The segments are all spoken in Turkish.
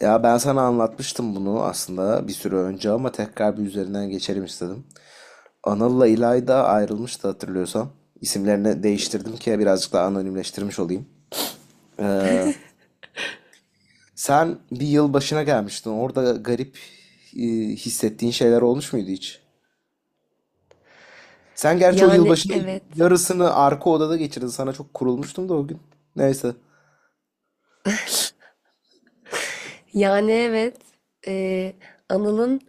Ya ben sana anlatmıştım bunu aslında bir süre önce ama tekrar bir üzerinden geçelim istedim. Anıl'la İlayda ayrılmıştı hatırlıyorsan. İsimlerini değiştirdim ki birazcık daha anonimleştirmiş olayım. Sen bir yıl başına gelmiştin. Orada garip e, hissettiğin şeyler olmuş muydu hiç? Sen gerçi o Yani yılbaşının evet. yarısını arka odada geçirdin. Sana çok kurulmuştum da o gün. Neyse. Yani evet. Ee, Anıl'ın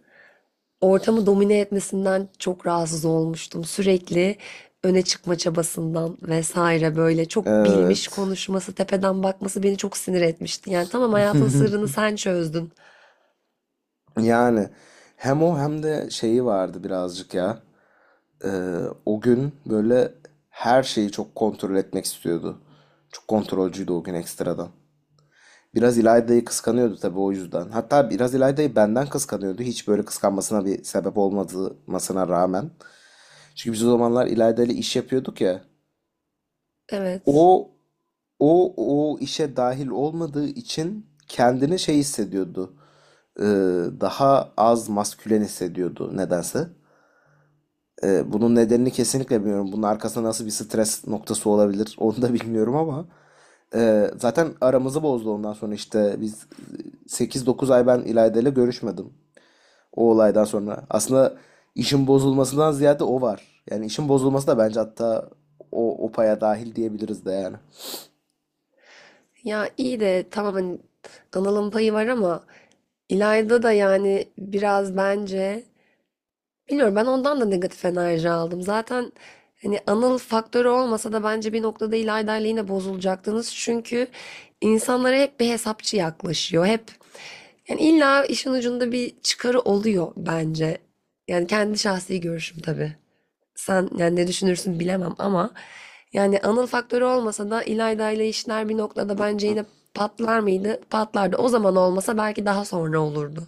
ortamı domine etmesinden çok rahatsız olmuştum. Sürekli öne çıkma çabasından vesaire böyle çok bilmiş Evet. konuşması, tepeden bakması beni çok sinir etmişti. Yani tamam hayatın sırrını sen çözdün. Yani hem o hem de şeyi vardı birazcık ya. Ee, O gün böyle her şeyi çok kontrol etmek istiyordu. Çok kontrolcüydü o gün ekstradan. Biraz İlayda'yı kıskanıyordu tabii o yüzden. Hatta biraz İlayda'yı benden kıskanıyordu. Hiç böyle kıskanmasına bir sebep olmadığımasına rağmen. Çünkü biz o zamanlar İlayda ile iş yapıyorduk ya. Evet. O o işe dahil olmadığı için kendini şey hissediyordu. Ee, Daha az maskülen hissediyordu nedense. Bunun nedenini kesinlikle bilmiyorum. Bunun arkasında nasıl bir stres noktası olabilir onu da bilmiyorum ama zaten aramızı bozdu ondan sonra işte biz 8-9 ay ben İlayda ile görüşmedim o olaydan sonra. Aslında işin bozulmasından ziyade o var. Yani işin bozulması da bence hatta o paya dahil diyebiliriz de yani. Ya iyi de tamam hani Anıl'ın payı var ama İlayda da yani biraz bence bilmiyorum, ben ondan da negatif enerji aldım. Zaten hani Anıl faktörü olmasa da bence bir noktada İlayda ile yine bozulacaktınız. Çünkü insanlara hep bir hesapçı yaklaşıyor. Hep yani illa işin ucunda bir çıkarı oluyor bence. Yani kendi şahsi görüşüm tabii. Sen yani ne düşünürsün bilemem ama yani Anıl faktörü olmasa da İlayda ile işler bir noktada bence yine patlar mıydı? Patlardı. O zaman olmasa belki daha sonra olurdu.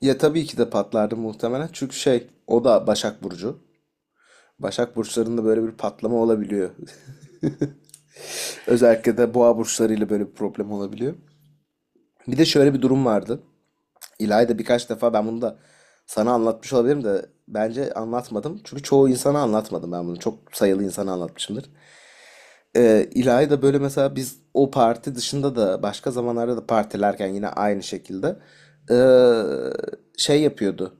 Ya tabii ki de patlardı muhtemelen. Çünkü şey o da Başak Burcu. Başak burçlarında böyle bir patlama olabiliyor. Özellikle de boğa burçlarıyla böyle bir problem olabiliyor. Bir de şöyle bir durum vardı. İlayda birkaç defa ben bunu da sana anlatmış olabilirim de bence anlatmadım. Çünkü çoğu insana anlatmadım ben bunu. Çok sayılı insana anlatmışımdır. İlayda böyle mesela biz o parti dışında da başka zamanlarda da partilerken yine aynı şekilde şey yapıyordu,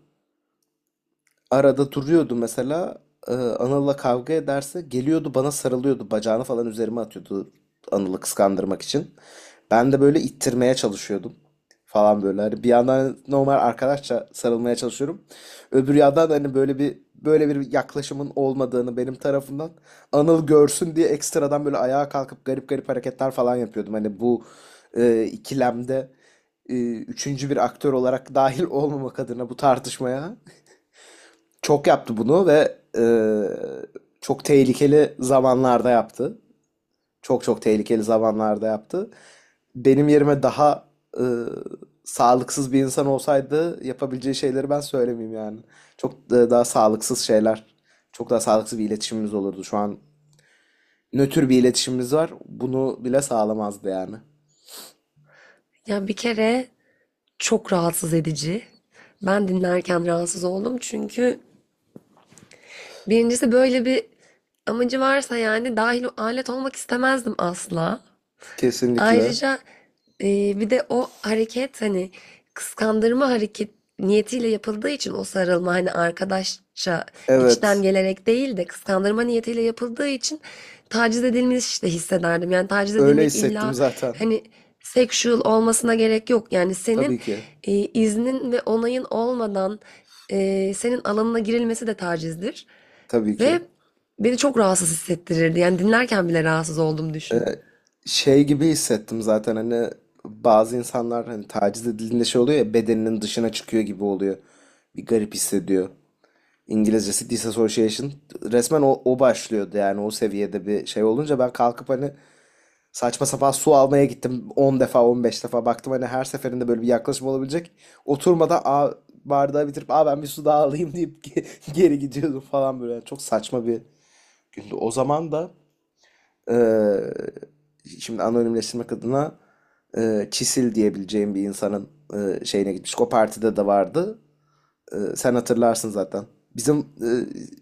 arada duruyordu mesela. Anıl'la kavga ederse geliyordu bana sarılıyordu. Bacağını falan üzerime atıyordu Anıl'ı kıskandırmak için. Ben de böyle ittirmeye çalışıyordum falan böyle. Hani bir yandan normal arkadaşça sarılmaya çalışıyorum. Öbür yandan hani böyle bir yaklaşımın olmadığını benim tarafından Anıl görsün diye ekstradan böyle ayağa kalkıp garip garip hareketler falan yapıyordum. Hani bu ikilemde üçüncü bir aktör olarak dahil olmamak adına bu tartışmaya. Çok yaptı bunu ve çok tehlikeli zamanlarda yaptı. Çok çok tehlikeli zamanlarda yaptı. Benim yerime daha e, sağlıksız bir insan olsaydı yapabileceği şeyleri ben söylemeyeyim yani. Çok daha sağlıksız şeyler, çok daha sağlıksız bir iletişimimiz olurdu. Şu an nötr bir iletişimimiz var. Bunu bile sağlamazdı yani. Ya bir kere çok rahatsız edici. Ben dinlerken rahatsız oldum çünkü birincisi böyle bir amacı varsa yani dahil alet olmak istemezdim asla. Kesinlikle. Ayrıca bir de o hareket hani kıskandırma hareket niyetiyle yapıldığı için o sarılma hani arkadaşça içten Evet. gelerek değil de kıskandırma niyetiyle yapıldığı için taciz edilmiş de hissederdim. Yani taciz Öyle edilmek hissettim illa zaten. hani sexual olmasına gerek yok. Yani senin Tabii ki. İznin ve onayın olmadan senin alanına girilmesi de tacizdir. Tabii ki. Ve beni çok rahatsız hissettirirdi. Yani dinlerken bile rahatsız oldum, e, düşün. şey gibi hissettim zaten hani bazı insanlar hani taciz edildiğinde şey oluyor ya, bedeninin dışına çıkıyor gibi oluyor. Bir garip hissediyor. İngilizcesi disassociation. Resmen o başlıyordu yani o seviyede bir şey olunca ben kalkıp hani saçma sapan su almaya gittim 10 defa 15 defa baktım hani her seferinde böyle bir yaklaşım olabilecek. Oturmadan bardağı bitirip ben bir su daha alayım deyip geri gidiyordum falan böyle. Yani çok saçma bir gündü. O zaman da ee, şimdi anonimleştirmek adına Çisil diyebileceğim bir insanın şeyine gitmiş. O partide de vardı. Sen hatırlarsın zaten. Bizim e,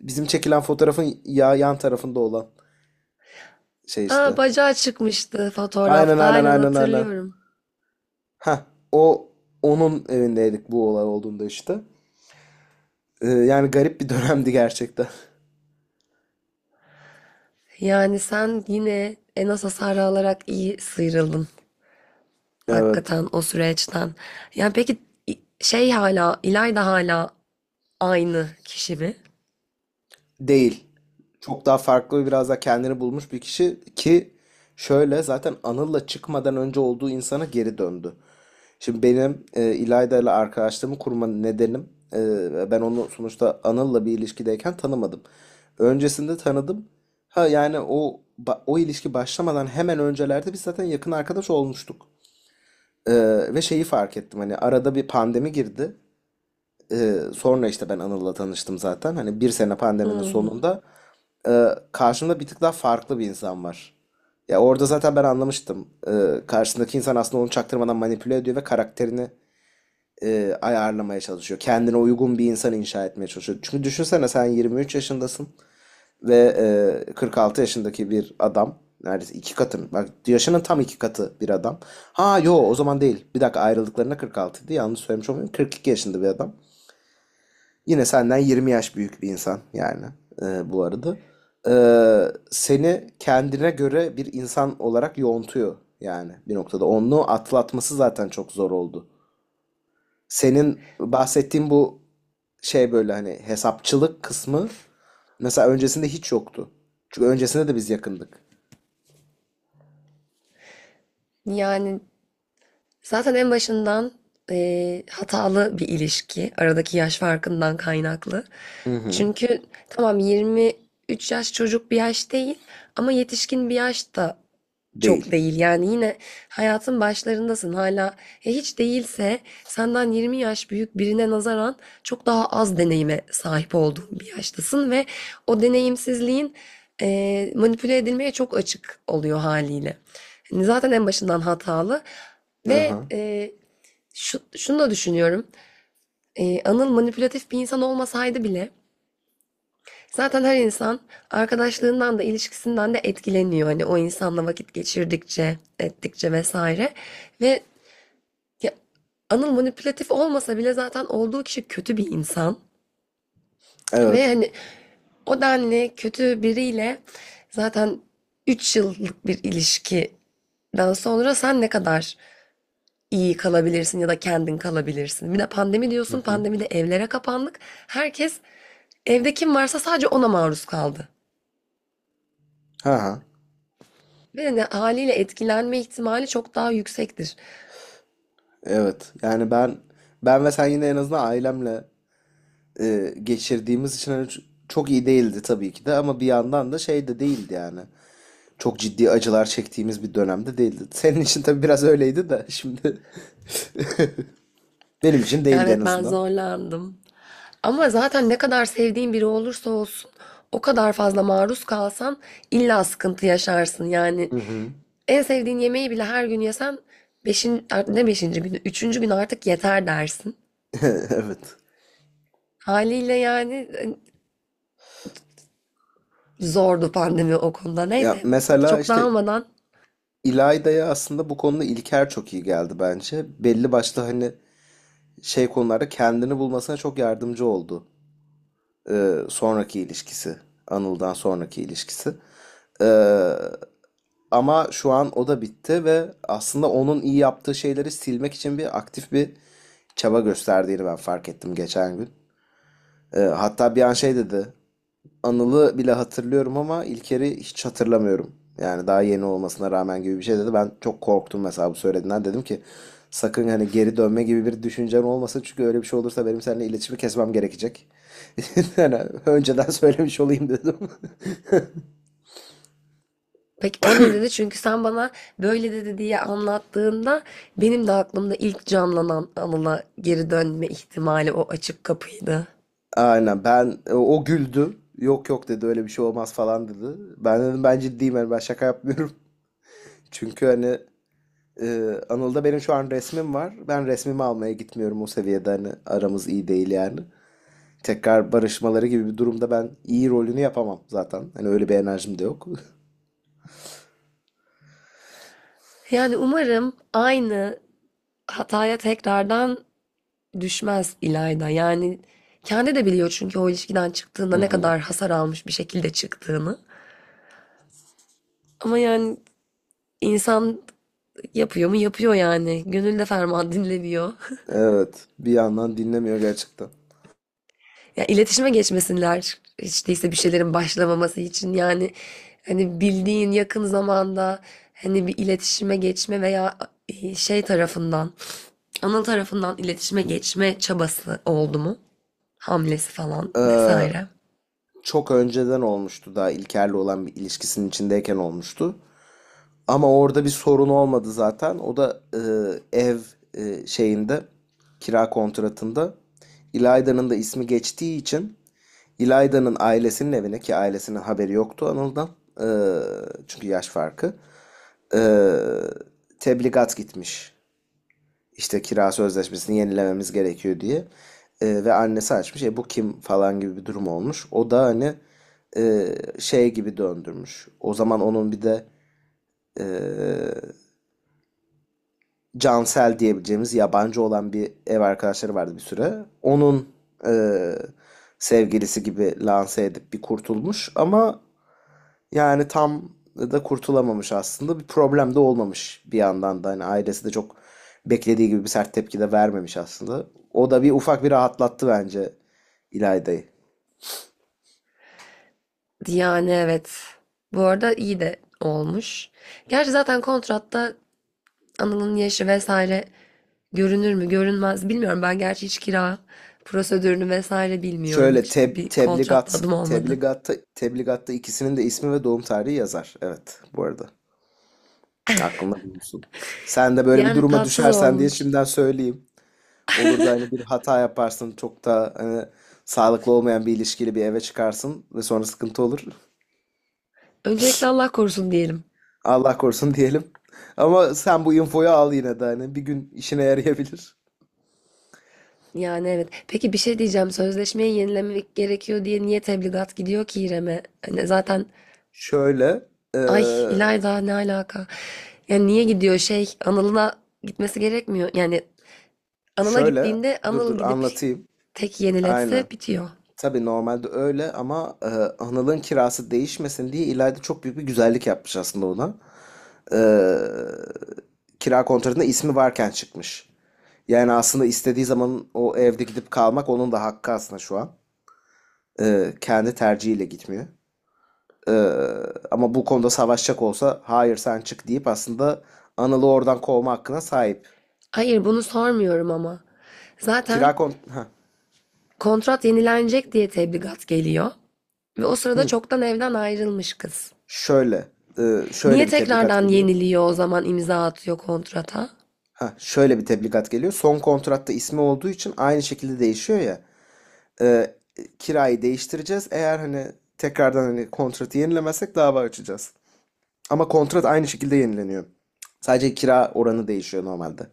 bizim çekilen fotoğrafın ya yan tarafında olan şey Aa, işte. bacağı çıkmıştı Aynen, fotoğrafta. aynen, Aynen aynen, aynen. hatırlıyorum. Ha, o onun evindeydik bu olay olduğunda işte. Yani garip bir dönemdi gerçekten. Yani sen yine en az hasar alarak iyi sıyrıldın. Evet. Hakikaten o süreçten. Yani peki İlayda hala aynı kişi mi? Değil. Çok daha farklı, biraz da kendini bulmuş bir kişi ki şöyle zaten Anıl'la çıkmadan önce olduğu insana geri döndü. Şimdi benim İlayda ile arkadaşlığımı kurma nedenim, ben onu sonuçta Anıl'la bir ilişkideyken tanımadım. Öncesinde tanıdım. Ha yani o ilişki başlamadan hemen öncelerde biz zaten yakın arkadaş olmuştuk. E, ve şeyi fark ettim, hani arada bir pandemi girdi. Sonra işte ben Anıl'la tanıştım zaten. Hani bir sene pandeminin Hmm. sonunda karşımda bir tık daha farklı bir insan var. Ya orada zaten ben anlamıştım. Karşısındaki insan aslında onu çaktırmadan manipüle ediyor ve karakterini ayarlamaya çalışıyor. Kendine uygun bir insan inşa etmeye çalışıyor. Çünkü düşünsene, sen 23 yaşındasın ve 46 yaşındaki bir adam. Neredeyse iki katın. Bak, yaşının tam iki katı bir adam. Ha yo, o zaman değil. Bir dakika, ayrıldıklarına 46 idi. Yanlış söylemiş olmayayım. 42 yaşında bir adam. Yine senden 20 yaş büyük bir insan yani bu arada. E, seni kendine göre bir insan olarak yoğuntuyor yani bir noktada. Onu atlatması zaten çok zor oldu. Senin bahsettiğin bu şey, böyle hani hesapçılık kısmı mesela öncesinde hiç yoktu. Çünkü öncesinde de biz yakındık. Yani zaten en başından hatalı bir ilişki. Aradaki yaş farkından kaynaklı. Hı hı. Çünkü tamam 23 yaş çocuk bir yaş değil ama yetişkin bir yaş da çok Değil. değil. Yani yine hayatın başlarındasın hala. Hiç değilse senden 20 yaş büyük birine nazaran çok daha az deneyime sahip olduğun bir yaştasın ve o deneyimsizliğin manipüle edilmeye çok açık oluyor haliyle. Hani zaten en başından hatalı. Hı Ve hı. Şunu da düşünüyorum. Anıl manipülatif bir insan olmasaydı bile zaten her insan arkadaşlığından da ilişkisinden de etkileniyor. Hani o insanla vakit geçirdikçe, ettikçe vesaire. Ve ya, Anıl manipülatif olmasa bile zaten olduğu kişi kötü bir insan. Ve Evet. hani o denli kötü biriyle zaten 3 yıllık bir ilişkiden sonra sen ne kadar iyi kalabilirsin ya da kendin kalabilirsin. Bir de pandemi Hı diyorsun, hı. pandemide evlere kapandık. Herkes evde kim varsa sadece ona maruz kaldı. Ha ha. Ve hani haliyle etkilenme ihtimali çok daha yüksektir. Evet. Yani ben ve sen yine en azından ailemle geçirdiğimiz için hani çok iyi değildi tabii ki de ama bir yandan da şey de değildi yani. Çok ciddi acılar çektiğimiz bir dönemde değildi. Senin için tabii biraz öyleydi de şimdi benim için Ya değildi en evet, ben azından. zorlandım. Ama zaten ne kadar sevdiğin biri olursa olsun o kadar fazla maruz kalsan illa sıkıntı yaşarsın. Yani Hı hı. en sevdiğin yemeği bile her gün yesen ne beşinci günü, üçüncü gün artık yeter dersin. Evet. Haliyle yani zordu pandemi o konuda. Ya Neyse, mesela çok işte dağılmadan İlayda'ya aslında bu konuda İlker çok iyi geldi bence. Belli başlı hani şey konularda kendini bulmasına çok yardımcı oldu. Sonraki ilişkisi. Anıl'dan sonraki ilişkisi. Ee, Ama şu an o da bitti ve aslında onun iyi yaptığı şeyleri silmek için bir çaba gösterdiğini ben fark ettim geçen gün. Hatta bir an şey dedi. Anıl'ı bile hatırlıyorum ama İlker'i hiç hatırlamıyorum. Yani daha yeni olmasına rağmen, gibi bir şey dedi. Ben çok korktum mesela bu söylediğinden. Dedim ki sakın hani geri dönme gibi bir düşüncen olmasın. Çünkü öyle bir şey olursa benim seninle iletişimi kesmem gerekecek. Yani önceden söylemiş olayım dedim. peki o ne dedi? Çünkü sen bana böyle dedi diye anlattığında benim de aklımda ilk canlanan anına geri dönme ihtimali o açık kapıydı. Aynen, ben o güldü. Yok yok dedi, öyle bir şey olmaz falan dedi. Ben dedim ben ciddiyim yani, ben şaka yapmıyorum. Çünkü hani Anıl'da benim şu an resmim var. Ben resmimi almaya gitmiyorum, o seviyede hani aramız iyi değil yani. Tekrar barışmaları gibi bir durumda ben iyi rolünü yapamam zaten. Hani öyle bir enerjim de yok. Yani umarım aynı hataya tekrardan düşmez İlayda. Yani kendi de biliyor çünkü o ilişkiden çıktığında Hı ne hı. kadar hasar almış bir şekilde çıktığını. Ama yani insan yapıyor mu? Yapıyor yani. Gönül de ferman dinlemiyor. Evet, bir yandan dinlemiyor gerçekten. Ya iletişime geçmesinler. Hiç değilse bir şeylerin başlamaması için yani hani bildiğin yakın zamanda hani bir iletişime geçme veya şey tarafından, ana tarafından iletişime geçme çabası oldu mu? Hamlesi falan Ee, vesaire. Çok önceden olmuştu, daha İlker'le olan bir ilişkisinin içindeyken olmuştu. Ama orada bir sorun olmadı zaten. O da ev şeyinde, kira kontratında İlayda'nın da ismi geçtiği için İlayda'nın ailesinin evine, ki ailesinin haberi yoktu Anıl'dan, e, çünkü yaş farkı, e, tebligat gitmiş. İşte kira sözleşmesini yenilememiz gerekiyor diye. Ve annesi açmış. Bu kim falan gibi bir durum olmuş. O da hani şey gibi döndürmüş. O zaman onun bir de e, Cansel diyebileceğimiz yabancı olan bir ev arkadaşları vardı bir süre. Onun eee, sevgilisi gibi lanse edip bir kurtulmuş ama yani tam da kurtulamamış aslında. Bir problem de olmamış bir yandan da. Hani ailesi de çok beklediği gibi bir sert tepki de vermemiş aslında. O da bir ufak rahatlattı bence İlayda'yı. Yani evet. Bu arada iyi de olmuş. Gerçi zaten kontratta Anıl'ın yaşı vesaire görünür mü görünmez bilmiyorum. Ben gerçi hiç kira prosedürünü vesaire bilmiyorum. Şöyle, Hiç teb bir kontratta tebligat adım olmadı. tebligatta tebligatta ikisinin de ismi ve doğum tarihi yazar. Evet, bu arada. Aklında bulunsun. Sen de böyle bir Yani duruma tatsız düşersen diye olmuş. şimdiden söyleyeyim. Olur da hani bir hata yaparsın, çok da hani sağlıklı olmayan bir ilişkili bir eve çıkarsın ve sonra sıkıntı olur. Öncelikle Allah korusun diyelim. Allah korusun diyelim. Ama sen bu infoyu al yine de, hani bir gün işine yarayabilir. Yani evet. Peki bir şey diyeceğim. Sözleşmeyi yenilemek gerekiyor diye niye tebligat gidiyor ki İrem'e? Hani zaten Şöyle, ay eee, İlayda ne alaka? Yani niye gidiyor, şey Anıl'ına gitmesi gerekmiyor. Yani Anıl'a şöyle, gittiğinde dur Anıl dur gidip anlatayım. tek Aynen. yeniletse bitiyor. Tabii normalde öyle ama Anıl'ın kirası değişmesin diye İlayda çok büyük bir güzellik yapmış aslında ona. e, kira kontratında ismi varken çıkmış. Yani aslında istediği zaman o evde gidip kalmak onun da hakkı aslında şu an. Kendi tercihiyle gitmiyor. E, ama bu konuda savaşacak olsa hayır sen çık deyip aslında Anıl'ı oradan kovma hakkına sahip. Hayır, bunu sormuyorum ama. Kira Zaten kont... Heh. kontrat yenilenecek diye tebligat geliyor. Ve o sırada Hı. çoktan evden ayrılmış kız. Şöyle. e, Niye şöyle bir tebligat tekrardan geliyor. yeniliyor o zaman, imza atıyor kontrata? Heh, şöyle bir tebligat geliyor. Son kontratta ismi olduğu için aynı şekilde değişiyor ya. e, kirayı değiştireceğiz. Eğer hani tekrardan hani kontratı yenilemezsek dava açacağız. Ama kontrat aynı şekilde yenileniyor. Sadece kira oranı değişiyor normalde.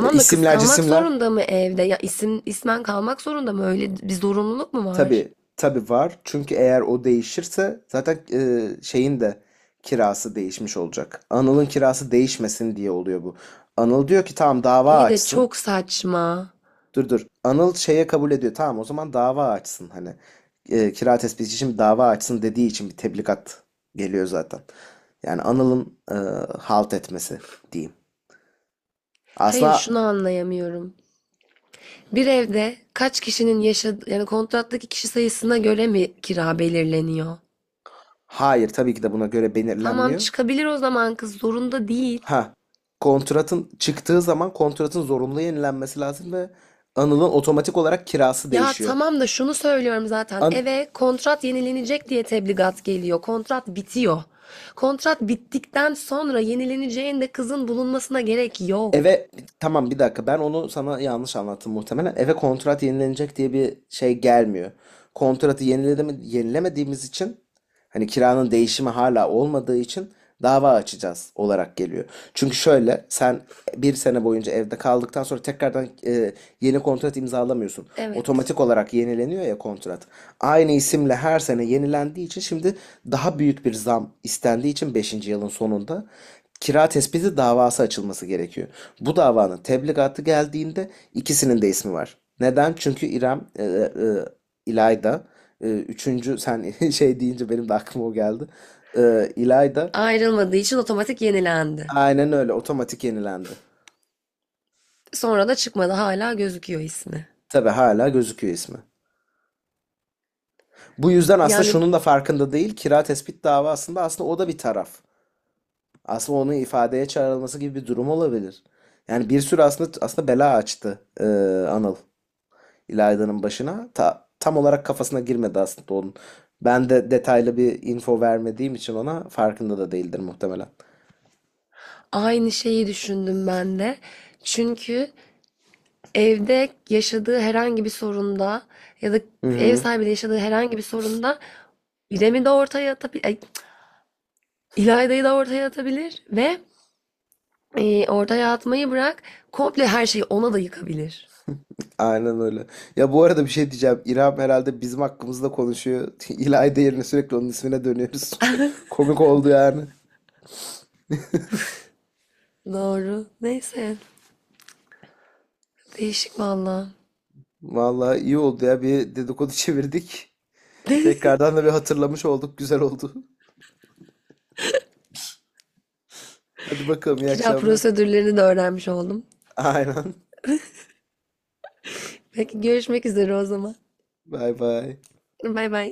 Ya da kız isimler kalmak cisimler zorunda mı evde? Ya isim ismen kalmak zorunda mı? Öyle bir zorunluluk mu var? tabii tabii var. Çünkü eğer o değişirse zaten şeyin de kirası değişmiş olacak. Anıl'ın kirası değişmesin diye oluyor bu. Anıl diyor ki tamam dava İyi de açsın. çok saçma. Dur dur. Anıl şeye kabul ediyor. Tamam o zaman dava açsın hani. Kira tespiti için dava açsın dediği için bir tebligat geliyor zaten. Yani Anıl'ın halt etmesi diyeyim. Hayır, Aslında şunu anlayamıyorum. Bir evde kaç kişinin yaşadığı, yani kontrattaki kişi sayısına göre mi kira belirleniyor? hayır tabii ki de buna göre Tamam, belirlenmiyor. çıkabilir o zaman, kız zorunda değil. Ha, kontratın çıktığı zaman kontratın zorunlu yenilenmesi lazım ve Anıl'ın otomatik olarak kirası Ya değişiyor. tamam da şunu söylüyorum zaten. An- Eve kontrat yenilenecek diye tebligat geliyor. Kontrat bitiyor. Kontrat bittikten sonra yenileneceğinde kızın bulunmasına gerek yok. Eve, tamam, bir dakika, ben onu sana yanlış anlattım muhtemelen. Eve kontrat yenilenecek diye bir şey gelmiyor. Kontratı yenilemediğimiz için, hani kiranın değişimi hala olmadığı için dava açacağız olarak geliyor. Çünkü şöyle, sen bir sene boyunca evde kaldıktan sonra tekrardan yeni kontrat imzalamıyorsun. Evet. Otomatik olarak yenileniyor ya kontrat. Aynı isimle her sene yenilendiği için, şimdi daha büyük bir zam istendiği için beşinci yılın sonunda kira tespiti davası açılması gerekiyor. Bu davanın tebligatı geldiğinde ikisinin de ismi var. Neden? Çünkü İrem, İlayda, üçüncü sen şey deyince benim de aklıma o geldi. İlayda, Ayrılmadığı için otomatik yenilendi. aynen öyle, otomatik yenilendi. Sonra da çıkmadı, hala gözüküyor ismi. Tabii hala gözüküyor ismi. Bu yüzden aslında Yani şunun da farkında değil. Kira tespit davasında aslında o da bir taraf. Aslında onun ifadeye çağrılması gibi bir durum olabilir. Yani bir sürü aslında bela açtı Anıl İlayda'nın başına. Tam olarak kafasına girmedi aslında onun. Ben de detaylı bir info vermediğim için ona, farkında da değildir muhtemelen. aynı şeyi düşündüm ben de. Çünkü evde yaşadığı herhangi bir sorunda ya da Hı ev hı. sahibiyle yaşadığı herhangi bir sorunda İrem'i de ortaya atabilir, İlayda'yı da ortaya atabilir ve orada yatmayı bırak. Komple her şeyi ona da yıkabilir. Aynen öyle. Ya bu arada bir şey diyeceğim. İrem herhalde bizim hakkımızda konuşuyor. İlayda yerine sürekli onun ismine dönüyoruz. Komik oldu yani. Doğru. Neyse. Değişik valla. Vallahi iyi oldu ya. Bir dedikodu çevirdik. Tekrardan da bir hatırlamış olduk. Güzel oldu. Hadi bakalım, iyi Kira akşamlar. prosedürlerini de öğrenmiş oldum. Aynen. Peki görüşmek üzere o zaman. Bay bay. Bay bay.